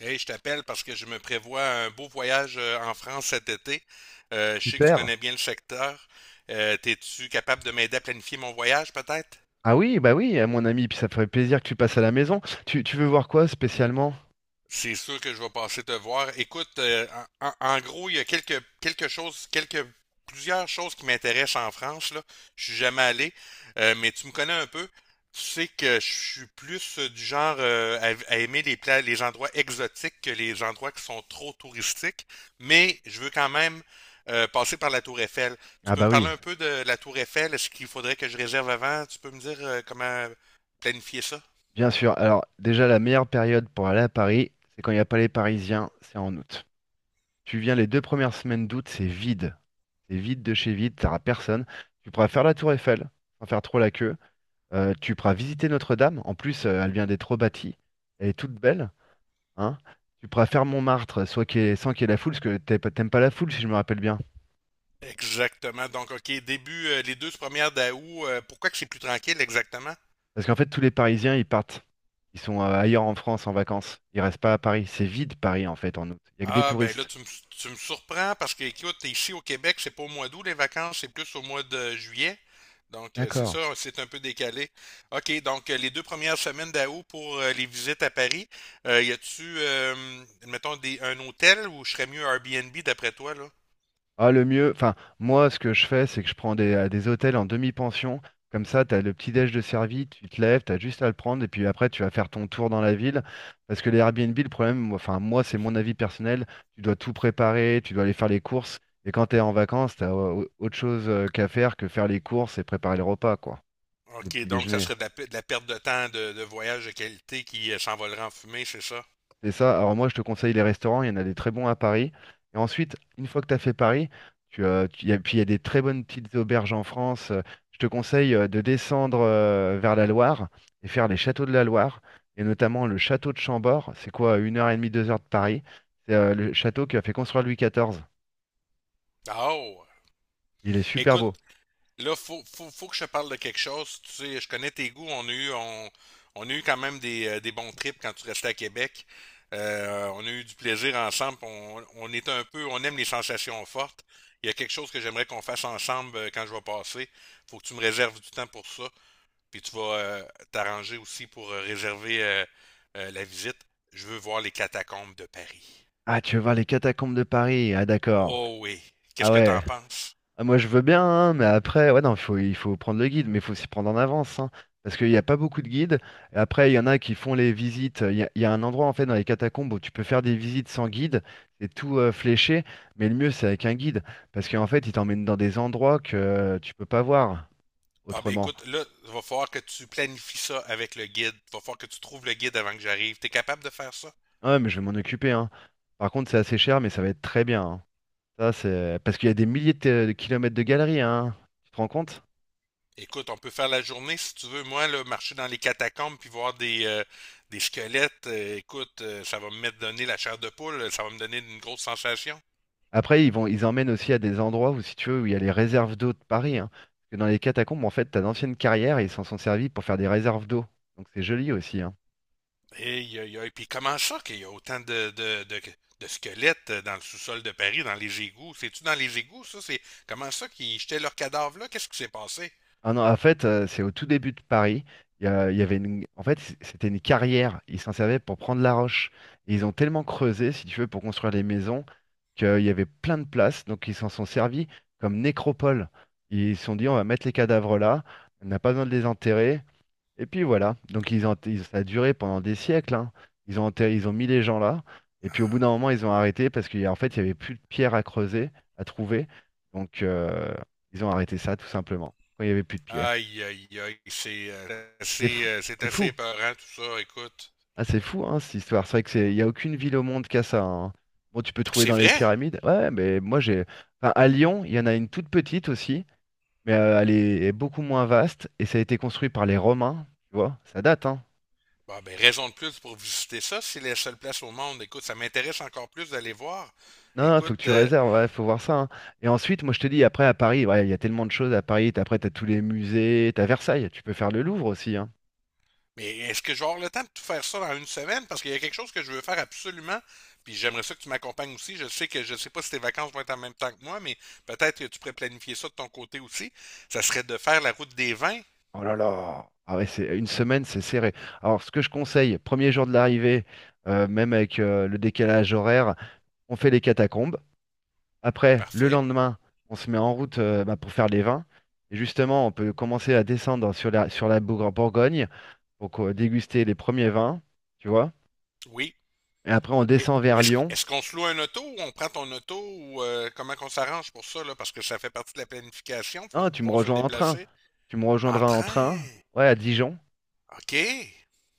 Hey, je t'appelle parce que je me prévois un beau voyage en France cet été. Je sais que tu Super. connais bien le secteur. T'es-tu capable de m'aider à planifier mon voyage, peut-être? Ah oui, bah oui, mon ami, puis ça ferait plaisir que tu passes à la maison. Tu veux voir quoi spécialement? C'est sûr que je vais passer te voir. Écoute, en gros, il y a quelques, quelque chose, quelques, plusieurs choses qui m'intéressent en France, là. Je suis jamais allé, mais tu me connais un peu. Tu sais que je suis plus du genre à aimer les les endroits exotiques que les endroits qui sont trop touristiques, mais je veux quand même passer par la Tour Eiffel. Tu Ah peux me bah parler oui, un peu de la Tour Eiffel? Est-ce qu'il faudrait que je réserve avant? Tu peux me dire comment planifier ça? bien sûr. Alors déjà, la meilleure période pour aller à Paris, c'est quand il n'y a pas les Parisiens, c'est en août. Tu viens les deux premières semaines d'août, c'est vide. C'est vide de chez vide, t'auras personne. Tu pourras faire la tour Eiffel, sans faire trop la queue. Tu pourras visiter Notre-Dame. En plus, elle vient d'être rebâtie. Elle est toute belle, hein. Tu pourras faire Montmartre, soit qu'il y ait- sans qu'il y ait la foule, parce que t'aimes pas la foule, si je me rappelle bien. Exactement. Donc, OK, début, les deux premières d'août, pourquoi que c'est plus tranquille exactement? Parce qu'en fait, tous les Parisiens, ils partent. Ils sont ailleurs en France en vacances. Ils restent pas à Paris. C'est vide Paris en fait en août. Il n'y a que des Ah, ben là, touristes. Tu me surprends parce que, écoute, ici au Québec, c'est pas au mois d'août les vacances, c'est plus au mois de juillet. Donc, c'est D'accord. ça, c'est un peu décalé. OK, donc les deux premières semaines d'août pour les visites à Paris, euh, y a-tu, euh, mettons, un hôtel où je serais mieux Airbnb d'après toi, là? Ah, le mieux, enfin, moi, ce que je fais, c'est que je prends à des hôtels en demi-pension. Comme ça, tu as le petit déj de servi, tu te lèves, tu as juste à le prendre, et puis après, tu vas faire ton tour dans la ville. Parce que les Airbnb, le problème, enfin, moi, c'est mon avis personnel. Tu dois tout préparer, tu dois aller faire les courses. Et quand tu es en vacances, tu as autre chose qu'à faire que faire les courses et préparer le repas, quoi. Le OK, petit donc ça déjeuner. serait de la, de la perte de temps de voyage de qualité qui s'envolera en fumée, c'est ça? C'est ça. Alors moi, je te conseille les restaurants. Il y en a des très bons à Paris. Et ensuite, une fois que tu as fait Paris, puis il y a des très bonnes petites auberges en France. Je te conseille de descendre vers la Loire et faire les châteaux de la Loire, et notamment le château de Chambord. C'est quoi, 1 heure et demie, 2 heures de Paris. C'est le château qu'a fait construire Louis XIV. Ah, oh! Il est super Écoute, beau. là, faut que je te parle de quelque chose. Tu sais, je connais tes goûts. On a eu quand même des bons trips quand tu restais à Québec. On a eu du plaisir ensemble. On est un peu, on aime les sensations fortes. Il y a quelque chose que j'aimerais qu'on fasse ensemble quand je vais passer. Faut que tu me réserves du temps pour ça. Puis tu vas t'arranger aussi pour réserver la visite. Je veux voir les catacombes de Paris. Ah, tu veux voir les catacombes de Paris? Ah, d'accord. Oh oui. Ah Qu'est-ce que t'en ouais. penses? Ah, moi, je veux bien, hein, mais après, ouais, non, il faut prendre le guide, mais il faut s'y prendre en avance, hein, parce qu'il n'y a pas beaucoup de guides. Et après, il y en a qui font les visites. Il y a un endroit, en fait, dans les catacombes où tu peux faire des visites sans guide. C'est tout fléché, mais le mieux, c'est avec un guide, parce qu'en fait, il t'emmène dans des endroits que tu peux pas voir Bon, ben autrement. écoute, là, il va falloir que tu planifies ça avec le guide. Il va falloir que tu trouves le guide avant que j'arrive. T'es capable de faire ça? Ah ouais, mais je vais m'en occuper, hein. Par contre, c'est assez cher, mais ça va être très bien. Hein. Ça, c'est parce qu'il y a des milliers de kilomètres de galeries, hein. Tu te rends compte? Écoute, on peut faire la journée si tu veux. Moi, là, marcher dans les catacombes puis voir des squelettes, ça va me mettre donner la chair de poule, ça va me donner une grosse sensation. Après, ils emmènent aussi à des endroits où, si tu veux, où il y a les réserves d'eau de Paris. Hein. Parce que dans les catacombes, en fait, t'as d'anciennes carrières et ils s'en sont servis pour faire des réserves d'eau. Donc c'est joli aussi. Hein. Et, et puis comment ça qu'il y a autant de squelettes dans le sous-sol de Paris, dans les égouts? C'est-tu dans les égouts, ça? C'est comment ça qu'ils jetaient leurs cadavres là? Qu'est-ce qui s'est passé? Ah non, en fait, c'est au tout début de Paris. Il y avait une... En fait, c'était une carrière. Ils s'en servaient pour prendre la roche. Et ils ont tellement creusé, si tu veux, pour construire les maisons, qu'il y avait plein de places. Donc ils s'en sont servis comme nécropole. Ils se sont dit, on va mettre les cadavres là. On n'a pas besoin de les enterrer. Et puis voilà, donc ça a duré pendant des siècles, hein. Ils ont mis les gens là, et puis au bout d'un moment, ils ont arrêté parce qu'en fait, il y avait plus de pierres à creuser, à trouver. Donc ils ont arrêté ça tout simplement, quand il y avait plus de pierres. Aïe, aïe, aïe, c'est C'est fou, c'est c'est assez fou. épeurant tout ça, écoute. Ah, c'est fou, hein, cette histoire. C'est vrai que c'est, il n'y a aucune ville au monde qui a ça. Hein. Bon, tu peux trouver C'est dans les vrai? pyramides. Ouais, mais moi j'ai. Enfin, à Lyon, il y en a une toute petite aussi, mais elle est beaucoup moins vaste, et ça a été construit par les Romains, tu vois, ça date, hein. Bon, ben, raison de plus pour visiter ça, c'est la seule place au monde. Écoute, ça m'intéresse encore plus d'aller voir. Non, faut que Écoute, tu réserves, ouais, faut voir ça. Hein. Et ensuite, moi je te dis, après à Paris, ouais, il y a tellement de choses à Paris. Après, t'as tous les musées, t'as Versailles, tu peux faire le Louvre aussi. Hein. mais est-ce que j'aurai le temps de tout faire ça dans une semaine? Parce qu'il y a quelque chose que je veux faire absolument, puis j'aimerais ça que tu m'accompagnes aussi. Je sais que je sais pas si tes vacances vont être en même temps que moi, mais peut-être que tu pourrais planifier ça de ton côté aussi. Ça serait de faire la route des vins. Oh là là! Ah ouais, c'est une semaine, c'est serré. Alors, ce que je conseille, premier jour de l'arrivée, même avec le décalage horaire, on fait les catacombes. Après, le Parfait. lendemain, on se met en route bah, pour faire les vins. Et justement, on peut commencer à descendre sur la Bourgogne pour déguster les premiers vins, tu vois. Oui. Et après, on Et descend vers Est-ce, Lyon. est-ce qu'on se loue un auto ou on prend ton auto ou comment qu'on s'arrange pour ça, là? Parce que ça fait partie de la planification, faut Non, tu me pouvoir se rejoins en train. déplacer. Tu me En rejoindras en train. train, ouais, à Dijon. OK.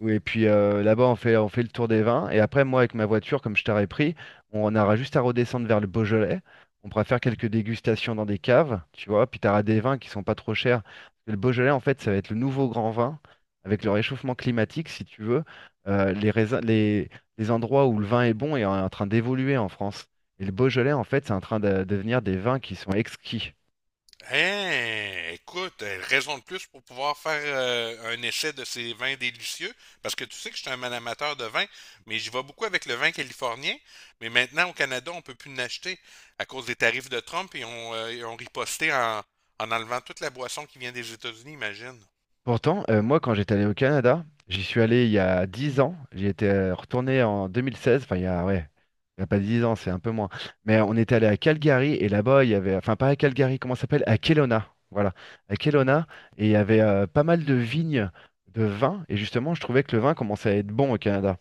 Et puis là-bas, on fait le tour des vins. Et après, moi, avec ma voiture, comme je t'aurais pris, on aura juste à redescendre vers le Beaujolais. On pourra faire quelques dégustations dans des caves, tu vois. Puis tu auras des vins qui sont pas trop chers. Parce que le Beaujolais, en fait, ça va être le nouveau grand vin. Avec le réchauffement climatique, si tu veux, euh, les, raisins- les, les endroits où le vin est bon est en train d'évoluer en France. Et le Beaujolais, en fait, c'est en train de devenir des vins qui sont exquis. Hein, écoute, raison de plus pour pouvoir faire un essai de ces vins délicieux, parce que tu sais que je suis un amateur de vin, mais j'y vais beaucoup avec le vin californien, mais maintenant au Canada, on peut plus l'acheter à cause des tarifs de Trump et ils ont riposté en enlevant toute la boisson qui vient des États-Unis, imagine. Pourtant, moi, quand j'étais allé au Canada, j'y suis allé il y a 10 ans. J'y étais retourné en 2016. Enfin, ouais, il y a pas 10 ans, c'est un peu moins. Mais on était allé à Calgary et là-bas, il y avait, enfin, pas à Calgary, comment ça s'appelle? À Kelowna. Voilà, à Kelowna. Et il y avait pas mal de vignes de vin. Et justement, je trouvais que le vin commençait à être bon au Canada.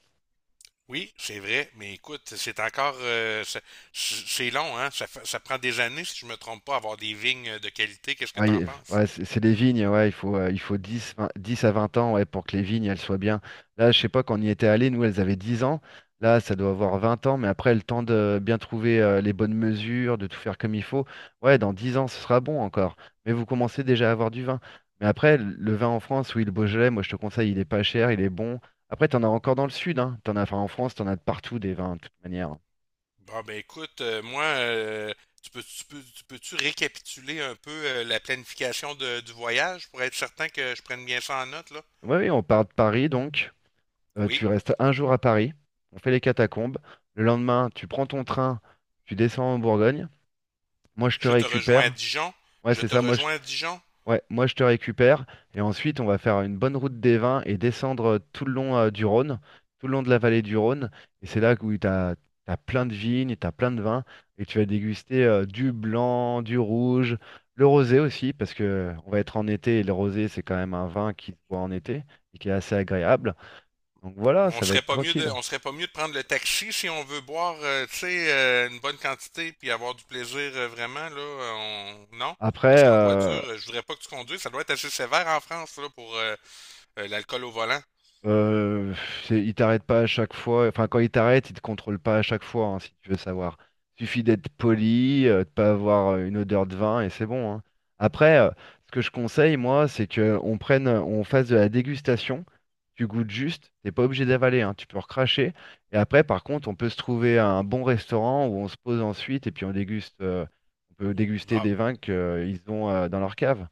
Oui, c'est vrai, mais écoute, c'est encore, c'est long, hein? Ça, ça prend des années, si je me trompe pas, avoir des vignes de qualité. Qu'est-ce que Ouais, t'en penses? ouais, c'est des vignes, ouais, il faut 10 20 10 à 20 ans ouais, pour que les vignes elles soient bien. Là, je sais pas, quand on y était allé, nous, elles avaient 10 ans. Là, ça doit avoir 20 ans, mais après, le temps de bien trouver les bonnes mesures, de tout faire comme il faut. Ouais, dans 10 ans, ce sera bon encore. Mais vous commencez déjà à avoir du vin. Mais après, le vin en France, oui, le Beaujolais, moi, je te conseille, il est pas cher, il est bon. Après, t'en as encore dans le sud, hein. T'en as, enfin, en France, t'en as de partout des vins, de toute manière. Bon, ben écoute, tu peux-tu récapituler un peu la planification du voyage pour être certain que je prenne bien ça en note, là? Oui, oui, on part de Paris, donc. Euh, Oui, tu restes un jour à Paris, on fait les catacombes. Le lendemain, tu prends ton train, tu descends en Bourgogne. Moi, je te je te rejoins à récupère. Dijon. Ouais, Je c'est te ça. Moi, je... rejoins à Dijon. ouais, moi, je te récupère. Et ensuite, on va faire une bonne route des vins et descendre tout le long du Rhône, tout le long de la vallée du Rhône. Et c'est là où tu as, plein de vignes, tu as plein de vins. Et tu vas déguster du blanc, du rouge, le rosé aussi, parce que on va être en été et le rosé, c'est quand même un vin qui se boit en été et qui est assez agréable. Donc voilà, ça va être tranquille. On serait pas mieux de prendre le taxi si on veut boire, tu sais, une bonne quantité puis avoir du plaisir vraiment là. Non, parce Après, qu'en voiture, je voudrais pas que tu conduises. Ça doit être assez sévère en France là pour l'alcool au volant. euh, il t'arrête pas à chaque fois. Enfin, quand il t'arrête, il te contrôle pas à chaque fois, hein, si tu veux savoir. Suffit d'être poli, de pas avoir une odeur de vin et c'est bon. Hein. Après, ce que je conseille, moi, c'est que on fasse de la dégustation. Tu goûtes juste, t'es pas obligé d'avaler, hein, tu peux recracher. Et après, par contre, on peut se trouver un bon restaurant où on se pose ensuite et puis on peut déguster Bah, des vins qu'ils ont dans leur cave.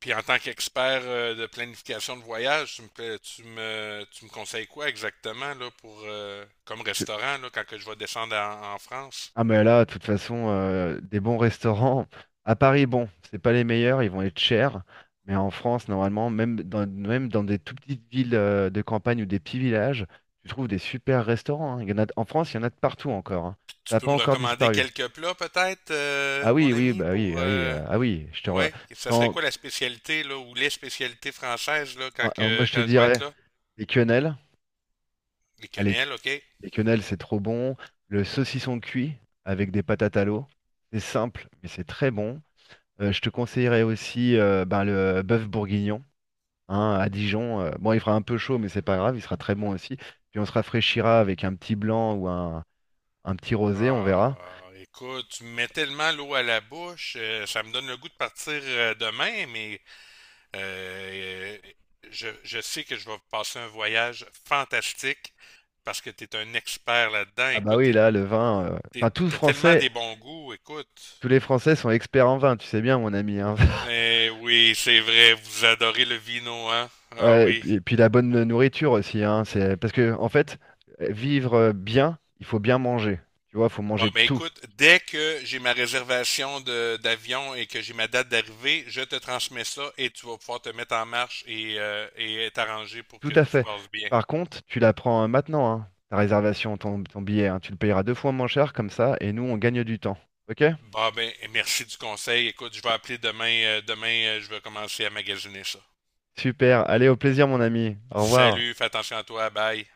puis en tant qu'expert de planification de voyage, tu me, pla- tu me conseilles quoi exactement là pour comme restaurant là quand que je vais descendre en France? Ah mais là, de toute façon, des bons restaurants. À Paris, bon, c'est pas les meilleurs, ils vont être chers. Mais en France, normalement, même dans des toutes petites villes de campagne ou des petits villages, tu trouves des super restaurants. Hein. Il y en a, en France, il y en a de partout encore. Hein. Tu Ça n'a peux pas me encore recommander disparu. quelques plats peut-être, Ah mon oui, oui, ami, bah oui, pour ah oui, euh. Ah oui. Ouais, et ça serait Quand, quoi la spécialité là ou les spécialités françaises là ah, ah, moi, je te quand je vais être dirais là? les quenelles. Les Ah, les, quenelles, OK. les quenelles, c'est trop bon. Le saucisson cuit avec des patates à l'eau. C'est simple, mais c'est très bon. Je te conseillerais aussi ben, le bœuf bourguignon hein, à Dijon. Bon, il fera un peu chaud, mais c'est pas grave, il sera très bon aussi. Puis on se rafraîchira avec un petit blanc ou un petit rosé, on Ah, verra. écoute, tu me mets tellement l'eau à la bouche, ça me donne le goût de partir demain, mais euh, euh, je sais que je vais passer un voyage fantastique parce que tu es un expert là-dedans. Ah bah Écoute, oui, là, le vin. Enfin, t'as tellement des bons goûts, écoute. tous les Français sont experts en vin, tu sais bien, mon ami. Hein. Eh oui, c'est vrai, vous adorez le vino, hein? Ah Ouais, et oui. puis, et puis la bonne nourriture aussi, hein, c'est parce que en fait, vivre bien, il faut bien manger. Tu vois, il faut Bon, manger de ben tout. écoute, dès que j'ai ma réservation d'avion et que j'ai ma date d'arrivée, je te transmets ça et tu vas pouvoir te mettre en marche et t'arranger pour Tout que à tout se fait. passe bien. Par contre, tu la prends maintenant, hein, ta réservation, ton billet, hein. Tu le payeras deux fois moins cher comme ça, et nous, on gagne du temps. Ok? Bon, ben merci du conseil. Écoute, je vais appeler demain. Demain, je vais commencer à magasiner ça. Super. Allez, au plaisir, mon ami. Au revoir. Salut, fais attention à toi. Bye.